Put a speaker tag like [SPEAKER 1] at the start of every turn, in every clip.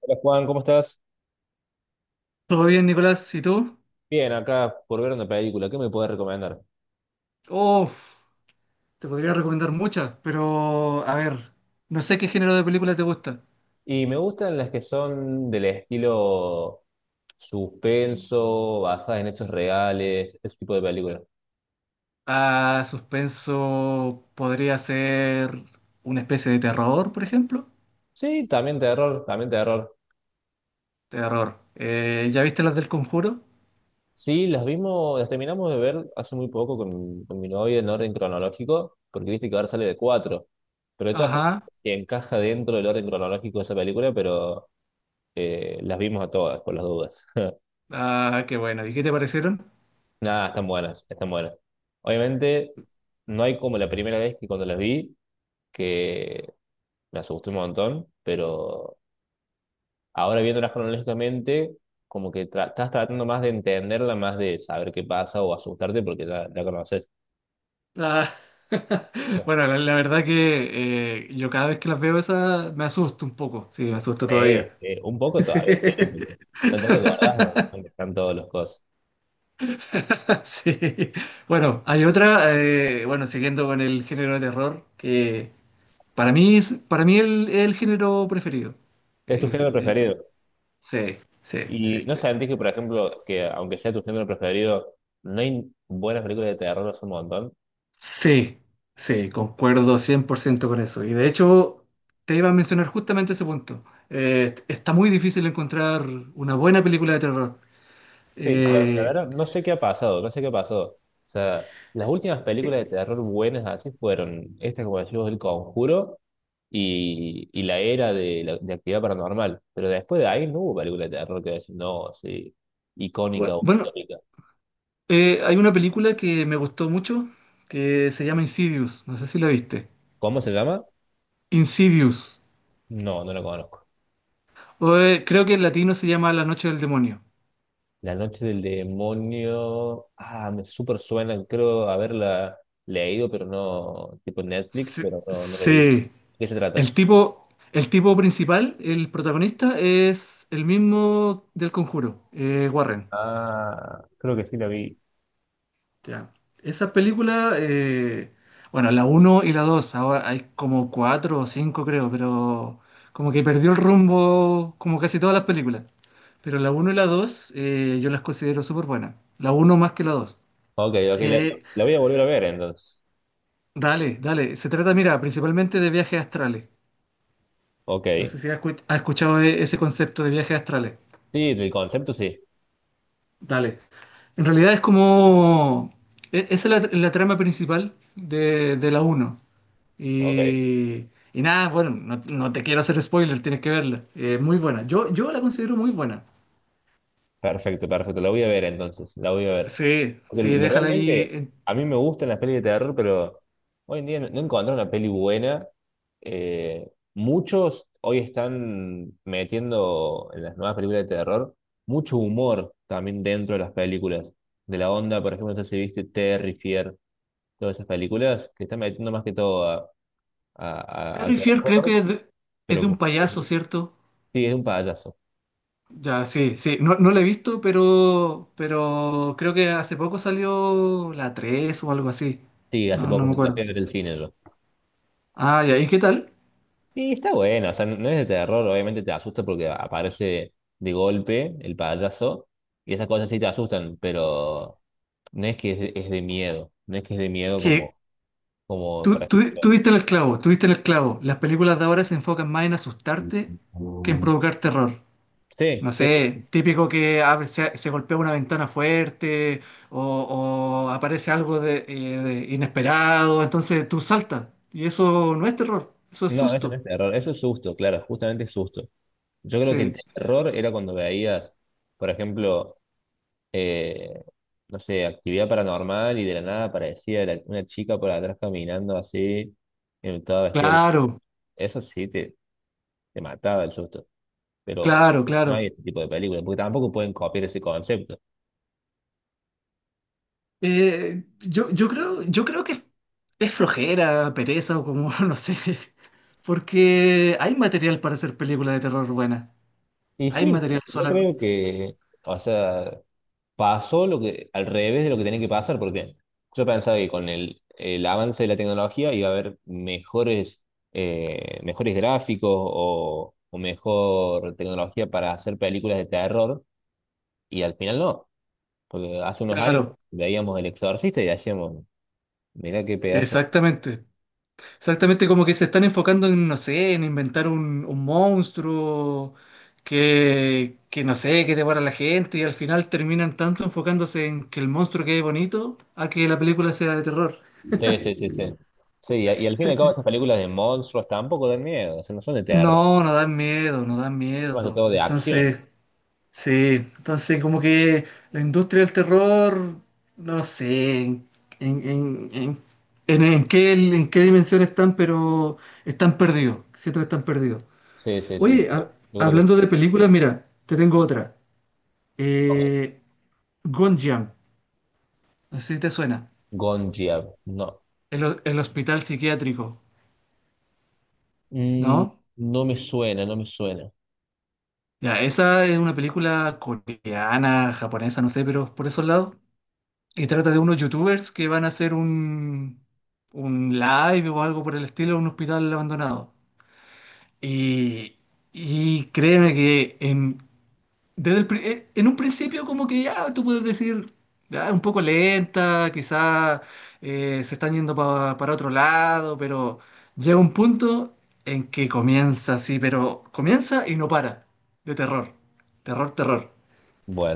[SPEAKER 1] Hola Juan, ¿cómo estás?
[SPEAKER 2] Todo bien, Nicolás, ¿y tú?
[SPEAKER 1] Bien, acá por ver una película, ¿qué me puedes recomendar?
[SPEAKER 2] Uf, te podría recomendar muchas, pero a ver, no sé qué género de película te gusta.
[SPEAKER 1] Y me gustan las que son del estilo suspenso, basadas en hechos reales, ese tipo de películas.
[SPEAKER 2] Ah, suspenso podría ser una especie de terror, por ejemplo.
[SPEAKER 1] Sí, también terror, también terror.
[SPEAKER 2] Terror. ¿Ya viste las del Conjuro?
[SPEAKER 1] Sí, las vimos, las terminamos de ver hace muy poco con mi novia en orden cronológico, porque viste que ahora sale de cuatro. Pero de todas formas,
[SPEAKER 2] Ajá.
[SPEAKER 1] que encaja dentro del orden cronológico de esa película, pero las vimos a todas, por las dudas.
[SPEAKER 2] Ah, qué bueno. ¿Y qué te parecieron?
[SPEAKER 1] Nada, están buenas, están buenas. Obviamente, no hay como la primera vez que cuando las vi, que me asusté un montón, pero ahora viéndolas cronológicamente, como que estás tratando más de entenderla, más de saber qué pasa o asustarte porque ya la conoces.
[SPEAKER 2] Ah, Bueno, la verdad que yo cada vez que las veo esas me asusto un poco. Sí, me asusto
[SPEAKER 1] Sí,
[SPEAKER 2] todavía.
[SPEAKER 1] sí, un poco
[SPEAKER 2] Sí.
[SPEAKER 1] todavía, sí, porque no te acordás, no, no están todos los cosas.
[SPEAKER 2] Sí. Bueno, hay otra, bueno, siguiendo con el género de terror, que para mí es, para mí el género preferido.
[SPEAKER 1] Es tu
[SPEAKER 2] Eh,
[SPEAKER 1] género
[SPEAKER 2] eh,
[SPEAKER 1] preferido.
[SPEAKER 2] sí, sí, sí.
[SPEAKER 1] Y no sentís que, por ejemplo, que aunque sea tu género preferido, no hay buenas películas de terror hace un montón.
[SPEAKER 2] Sí, sí, concuerdo 100% con eso. Y de hecho, te iba a mencionar justamente ese punto. Está muy difícil encontrar una buena película de terror.
[SPEAKER 1] Sí, la
[SPEAKER 2] Eh,
[SPEAKER 1] verdad, no sé qué ha pasado, no sé qué ha pasado. O sea, las últimas películas
[SPEAKER 2] eh,
[SPEAKER 1] de terror buenas así fueron esta, como decimos, El Conjuro y la era de, la, de actividad paranormal. Pero después de ahí no hubo película de terror que decir, no, sí, icónica o
[SPEAKER 2] bueno,
[SPEAKER 1] histórica.
[SPEAKER 2] hay una película que me gustó mucho que se llama Insidious. No sé si la viste.
[SPEAKER 1] ¿Cómo se llama?
[SPEAKER 2] Insidious.
[SPEAKER 1] No, no la conozco.
[SPEAKER 2] Creo que en latino se llama La Noche del Demonio.
[SPEAKER 1] La Noche del Demonio. Ah, me súper suena, creo haberla leído, pero no, tipo Netflix,
[SPEAKER 2] Sí.
[SPEAKER 1] pero no, no la vi. ¿De
[SPEAKER 2] Sí.
[SPEAKER 1] ¿qué se trata?
[SPEAKER 2] El tipo principal, el protagonista, es el mismo del Conjuro, Warren.
[SPEAKER 1] Ah, creo que sí la vi.
[SPEAKER 2] Ya. Esa película, bueno, la uno y la 2, ahora hay como 4 o 5 creo, pero como que perdió el rumbo como casi todas las películas. Pero la uno y la 2, yo las considero súper buenas. La uno más que la 2.
[SPEAKER 1] Ok, ok, le
[SPEAKER 2] Eh,
[SPEAKER 1] la voy a volver a ver entonces.
[SPEAKER 2] dale, dale. Se trata, mira, principalmente de viajes astrales. No
[SPEAKER 1] Ok.
[SPEAKER 2] sé si has escuchado ese concepto de viajes astrales.
[SPEAKER 1] Sí, el concepto sí.
[SPEAKER 2] Dale. En realidad es como... e- Esa es la, la trama principal de la uno.
[SPEAKER 1] Ok.
[SPEAKER 2] Y, y nada, bueno, no, no te quiero hacer spoiler, tienes que verla. Es muy buena. Yo la considero muy buena.
[SPEAKER 1] Perfecto, perfecto. La voy a ver entonces. La voy a ver.
[SPEAKER 2] Sí,
[SPEAKER 1] Porque
[SPEAKER 2] sí, déjala ahí.
[SPEAKER 1] realmente a mí me gustan las pelis de terror, pero hoy en día no, no encontré una peli buena. Muchos hoy están metiendo en las nuevas películas de terror mucho humor también dentro de las películas. De la onda, por ejemplo, no sé si viste Terry Fier, todas esas películas que están metiendo más que todo a, a
[SPEAKER 2] Perry Fier creo
[SPEAKER 1] terror,
[SPEAKER 2] que es
[SPEAKER 1] pero
[SPEAKER 2] de
[SPEAKER 1] con
[SPEAKER 2] un payaso, ¿cierto?
[SPEAKER 1] sí, es un payaso.
[SPEAKER 2] Ya, sí, sí. No, no la he visto, pero creo que hace poco salió la 3 o algo así.
[SPEAKER 1] Sí, hace
[SPEAKER 2] No, no
[SPEAKER 1] poco
[SPEAKER 2] me
[SPEAKER 1] la
[SPEAKER 2] acuerdo.
[SPEAKER 1] fui a ver el cine yo.
[SPEAKER 2] Ah, ya. ¿Y qué tal?
[SPEAKER 1] Y está bueno, o sea, no no es de terror, obviamente te asusta porque aparece de golpe el payaso y esas cosas sí te asustan, pero no es que es de miedo, no es que es de
[SPEAKER 2] Es
[SPEAKER 1] miedo
[SPEAKER 2] que
[SPEAKER 1] como, como por
[SPEAKER 2] tú
[SPEAKER 1] ejemplo.
[SPEAKER 2] diste en el clavo, tú diste en el clavo. Las películas de ahora se enfocan más en asustarte que en provocar terror.
[SPEAKER 1] Sí,
[SPEAKER 2] No
[SPEAKER 1] sí,
[SPEAKER 2] sé, típico que a veces se, se golpea una ventana fuerte o aparece algo de inesperado, entonces tú saltas. Y eso no es terror, eso es
[SPEAKER 1] no, eso no
[SPEAKER 2] susto.
[SPEAKER 1] es terror, eso es susto, claro, justamente es susto. Yo creo que
[SPEAKER 2] Sí,
[SPEAKER 1] terror era cuando veías, por ejemplo, eh, no sé, actividad paranormal y de la nada aparecía una chica por atrás caminando así, toda vestida. De
[SPEAKER 2] claro,
[SPEAKER 1] eso sí te mataba el susto, pero
[SPEAKER 2] claro,
[SPEAKER 1] no hay
[SPEAKER 2] claro.
[SPEAKER 1] ese tipo de películas, porque tampoco pueden copiar ese concepto.
[SPEAKER 2] Yo, yo creo que es flojera, pereza o como, no sé. Porque hay material para hacer películas de terror buenas.
[SPEAKER 1] Y
[SPEAKER 2] Hay
[SPEAKER 1] sí,
[SPEAKER 2] material
[SPEAKER 1] yo
[SPEAKER 2] solamente.
[SPEAKER 1] creo que, o sea, pasó lo que, al revés de lo que tenía que pasar, porque yo pensaba que con el avance de la tecnología iba a haber mejores, mejores gráficos o mejor tecnología para hacer películas de terror, y al final no, porque hace unos años
[SPEAKER 2] Claro,
[SPEAKER 1] veíamos El Exorcista y decíamos, mirá qué pedazo.
[SPEAKER 2] exactamente. Exactamente, como que se están enfocando en, no sé, en inventar un monstruo que, no sé, que devora a la gente y al final terminan tanto enfocándose en que el monstruo quede bonito a que la película sea de terror.
[SPEAKER 1] Sí, sí, sí, sí. Sí, y al fin y al cabo estas películas de monstruos tampoco dan miedo, o sea, no son de terror,
[SPEAKER 2] No, no dan miedo, no dan
[SPEAKER 1] son
[SPEAKER 2] miedo.
[SPEAKER 1] más de todo de acción.
[SPEAKER 2] Entonces, sí, entonces como que la industria del terror, no sé en, en, en, en qué, en qué dimensión están, pero están perdidos, siento que están perdidos.
[SPEAKER 1] Sí, sí, sí.
[SPEAKER 2] Oye,
[SPEAKER 1] Yo creo que es
[SPEAKER 2] hablando de películas, mira, te tengo otra. Eh, Gonjiam, no sé si te suena,
[SPEAKER 1] Gonjiar, no.
[SPEAKER 2] el, el hospital psiquiátrico,
[SPEAKER 1] Mm,
[SPEAKER 2] ¿no?
[SPEAKER 1] no me suena, no me suena.
[SPEAKER 2] Ya, esa es una película coreana, japonesa, no sé, pero por esos lados. Y trata de unos youtubers que van a hacer un live o algo por el estilo en un hospital abandonado. Y, y créeme que en, en un principio como que ya tú puedes decir, "Ah, es un poco lenta, quizás se están yendo para otro lado, pero llega un punto en que comienza así, pero comienza y no para, de terror, terror, terror.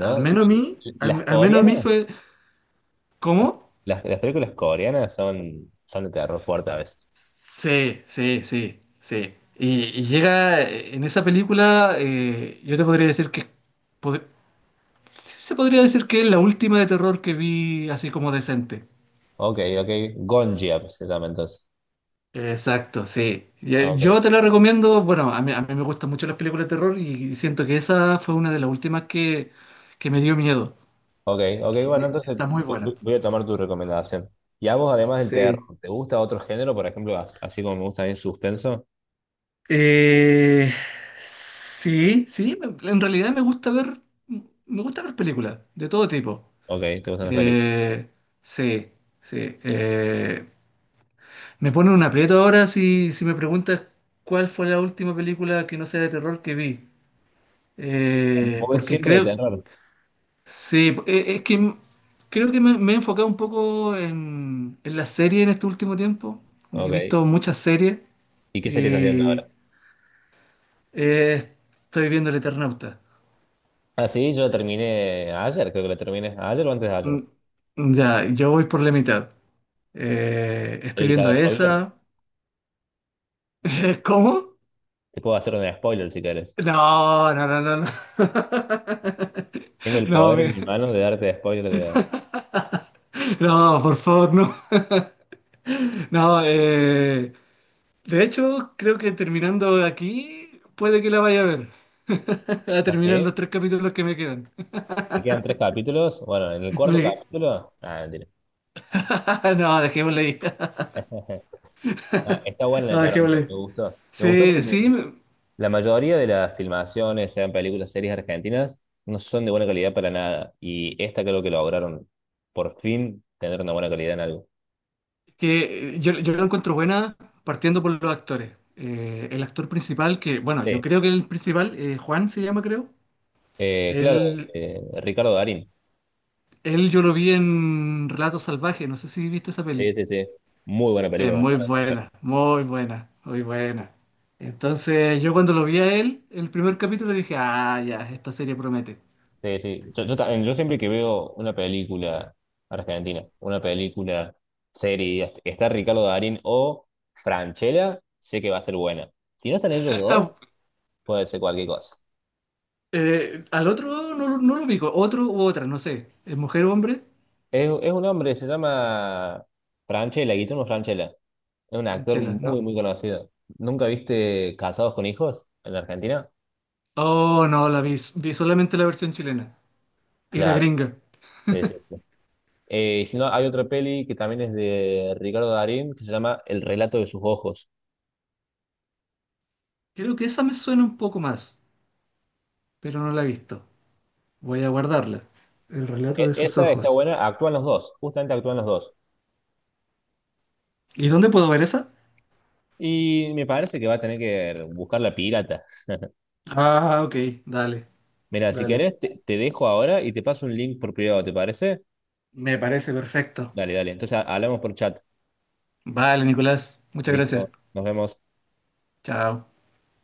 [SPEAKER 2] Al menos a mí,
[SPEAKER 1] las
[SPEAKER 2] al al menos a mí
[SPEAKER 1] coreanas,
[SPEAKER 2] fue, ¿cómo?
[SPEAKER 1] las películas coreanas son, son de terror fuerte a veces.
[SPEAKER 2] Sí, sí, sí, sí. Y llega en esa película, yo te podría decir que pod- sí, se podría decir que es la última de terror que vi así como decente.
[SPEAKER 1] Ok, ok, Gonjiar se llama entonces.
[SPEAKER 2] Exacto, sí. Y,
[SPEAKER 1] Ok.
[SPEAKER 2] yo te la recomiendo, bueno, a mí me gustan mucho las películas de terror y siento que esa fue una de las últimas que me dio miedo.
[SPEAKER 1] Ok, ok,
[SPEAKER 2] Así
[SPEAKER 1] bueno,
[SPEAKER 2] que
[SPEAKER 1] entonces
[SPEAKER 2] está muy buena.
[SPEAKER 1] voy a tomar tu recomendación. ¿Y a vos, además del terror,
[SPEAKER 2] Sí.
[SPEAKER 1] te gusta otro género? Por ejemplo, así como me gusta a el suspenso.
[SPEAKER 2] Eh, en realidad me gusta ver películas de todo tipo.
[SPEAKER 1] Ok, te gustan las películas.
[SPEAKER 2] Eh, sí, sí. eh, Me pone un aprieto ahora si, si me preguntas cuál fue la última película que no sea de terror que vi. Eh,
[SPEAKER 1] ¿Vos ves
[SPEAKER 2] porque
[SPEAKER 1] siempre de
[SPEAKER 2] creo,
[SPEAKER 1] terror?
[SPEAKER 2] sí, creo que me he enfocado un poco en la serie en este último tiempo. Como que he
[SPEAKER 1] Ok.
[SPEAKER 2] visto muchas series
[SPEAKER 1] ¿Y qué serie estás viendo ahora?
[SPEAKER 2] y eh, estoy viendo El Eternauta.
[SPEAKER 1] Ah, sí, yo la terminé ayer, creo que la terminé ayer o antes de
[SPEAKER 2] Mm,
[SPEAKER 1] ayer.
[SPEAKER 2] ya, yo voy por la mitad. Estoy
[SPEAKER 1] ¿Querés que te
[SPEAKER 2] viendo
[SPEAKER 1] haga spoiler?
[SPEAKER 2] esa. ¿Cómo?
[SPEAKER 1] Te puedo hacer un spoiler si querés.
[SPEAKER 2] No, no, no, no, no.
[SPEAKER 1] Tengo el
[SPEAKER 2] No,
[SPEAKER 1] poder en mi mano de darte spoiler de...
[SPEAKER 2] no, por favor, no. No, de hecho, creo que terminando aquí, puede que la vaya a ver. A
[SPEAKER 1] Ah,
[SPEAKER 2] terminar
[SPEAKER 1] sí.
[SPEAKER 2] los tres capítulos que me quedan.
[SPEAKER 1] Te quedan tres capítulos. Bueno, en el cuarto
[SPEAKER 2] Me-
[SPEAKER 1] capítulo... Ah, mentira.
[SPEAKER 2] Ah, no, dejémosle ahí.
[SPEAKER 1] Ah, está buena la de
[SPEAKER 2] No,
[SPEAKER 1] terror,
[SPEAKER 2] dejémosle ahí.
[SPEAKER 1] me gustó. Me gustó
[SPEAKER 2] Sí,
[SPEAKER 1] porque
[SPEAKER 2] sí, me-
[SPEAKER 1] la mayoría de las filmaciones, sean películas, series argentinas, no son de buena calidad para nada. Y esta creo que lograron por fin tener una buena calidad en algo.
[SPEAKER 2] que yo, yo la encuentro buena partiendo por los actores. El actor principal, que, bueno, yo
[SPEAKER 1] Sí,
[SPEAKER 2] creo que el principal, Juan se llama, creo.
[SPEAKER 1] claro,
[SPEAKER 2] Él,
[SPEAKER 1] Ricardo Darín.
[SPEAKER 2] él yo lo vi en Relatos Salvajes, no sé si viste esa
[SPEAKER 1] Sí,
[SPEAKER 2] peli.
[SPEAKER 1] sí, sí. Muy buena
[SPEAKER 2] Es
[SPEAKER 1] película.
[SPEAKER 2] muy
[SPEAKER 1] Para buscar.
[SPEAKER 2] buena, muy buena, muy buena. Entonces, yo cuando lo vi a él, el primer capítulo dije, ah, ya, esta serie promete.
[SPEAKER 1] Sí, sí. Yo siempre que veo una película argentina, una película, serie, está Ricardo Darín o Franchella, sé que va a ser buena. Si no están ellos dos, puede ser cualquier cosa.
[SPEAKER 2] Al otro no, no lo ubico, otro u otra, no sé. ¿Es mujer o hombre?
[SPEAKER 1] Es un hombre, se llama Franchella, Guillermo Franchella. Es un actor
[SPEAKER 2] Franchella,
[SPEAKER 1] muy,
[SPEAKER 2] no.
[SPEAKER 1] muy conocido. ¿Nunca viste Casados con Hijos en la Argentina?
[SPEAKER 2] Oh, no, la vi, vi solamente la versión chilena y la
[SPEAKER 1] Claro,
[SPEAKER 2] gringa.
[SPEAKER 1] sí, sí, sí. Si no, hay otra peli que también es de Ricardo Darín que se llama El relato de sus ojos.
[SPEAKER 2] Creo que esa me suena un poco más, pero no la he visto. Voy a guardarla. El relato de sus
[SPEAKER 1] Esa está
[SPEAKER 2] ojos.
[SPEAKER 1] buena, actúan los dos, justamente actúan los dos.
[SPEAKER 2] ¿Y dónde puedo ver esa?
[SPEAKER 1] Y me parece que va a tener que buscar la pirata.
[SPEAKER 2] Ah, ok, dale,
[SPEAKER 1] Mira, si
[SPEAKER 2] dale.
[SPEAKER 1] querés, te dejo ahora y te paso un link por privado, ¿te parece?
[SPEAKER 2] Me parece perfecto.
[SPEAKER 1] Dale, dale. Entonces hablamos por chat.
[SPEAKER 2] Vale, Nicolás, muchas gracias.
[SPEAKER 1] Listo, nos vemos.
[SPEAKER 2] Chao.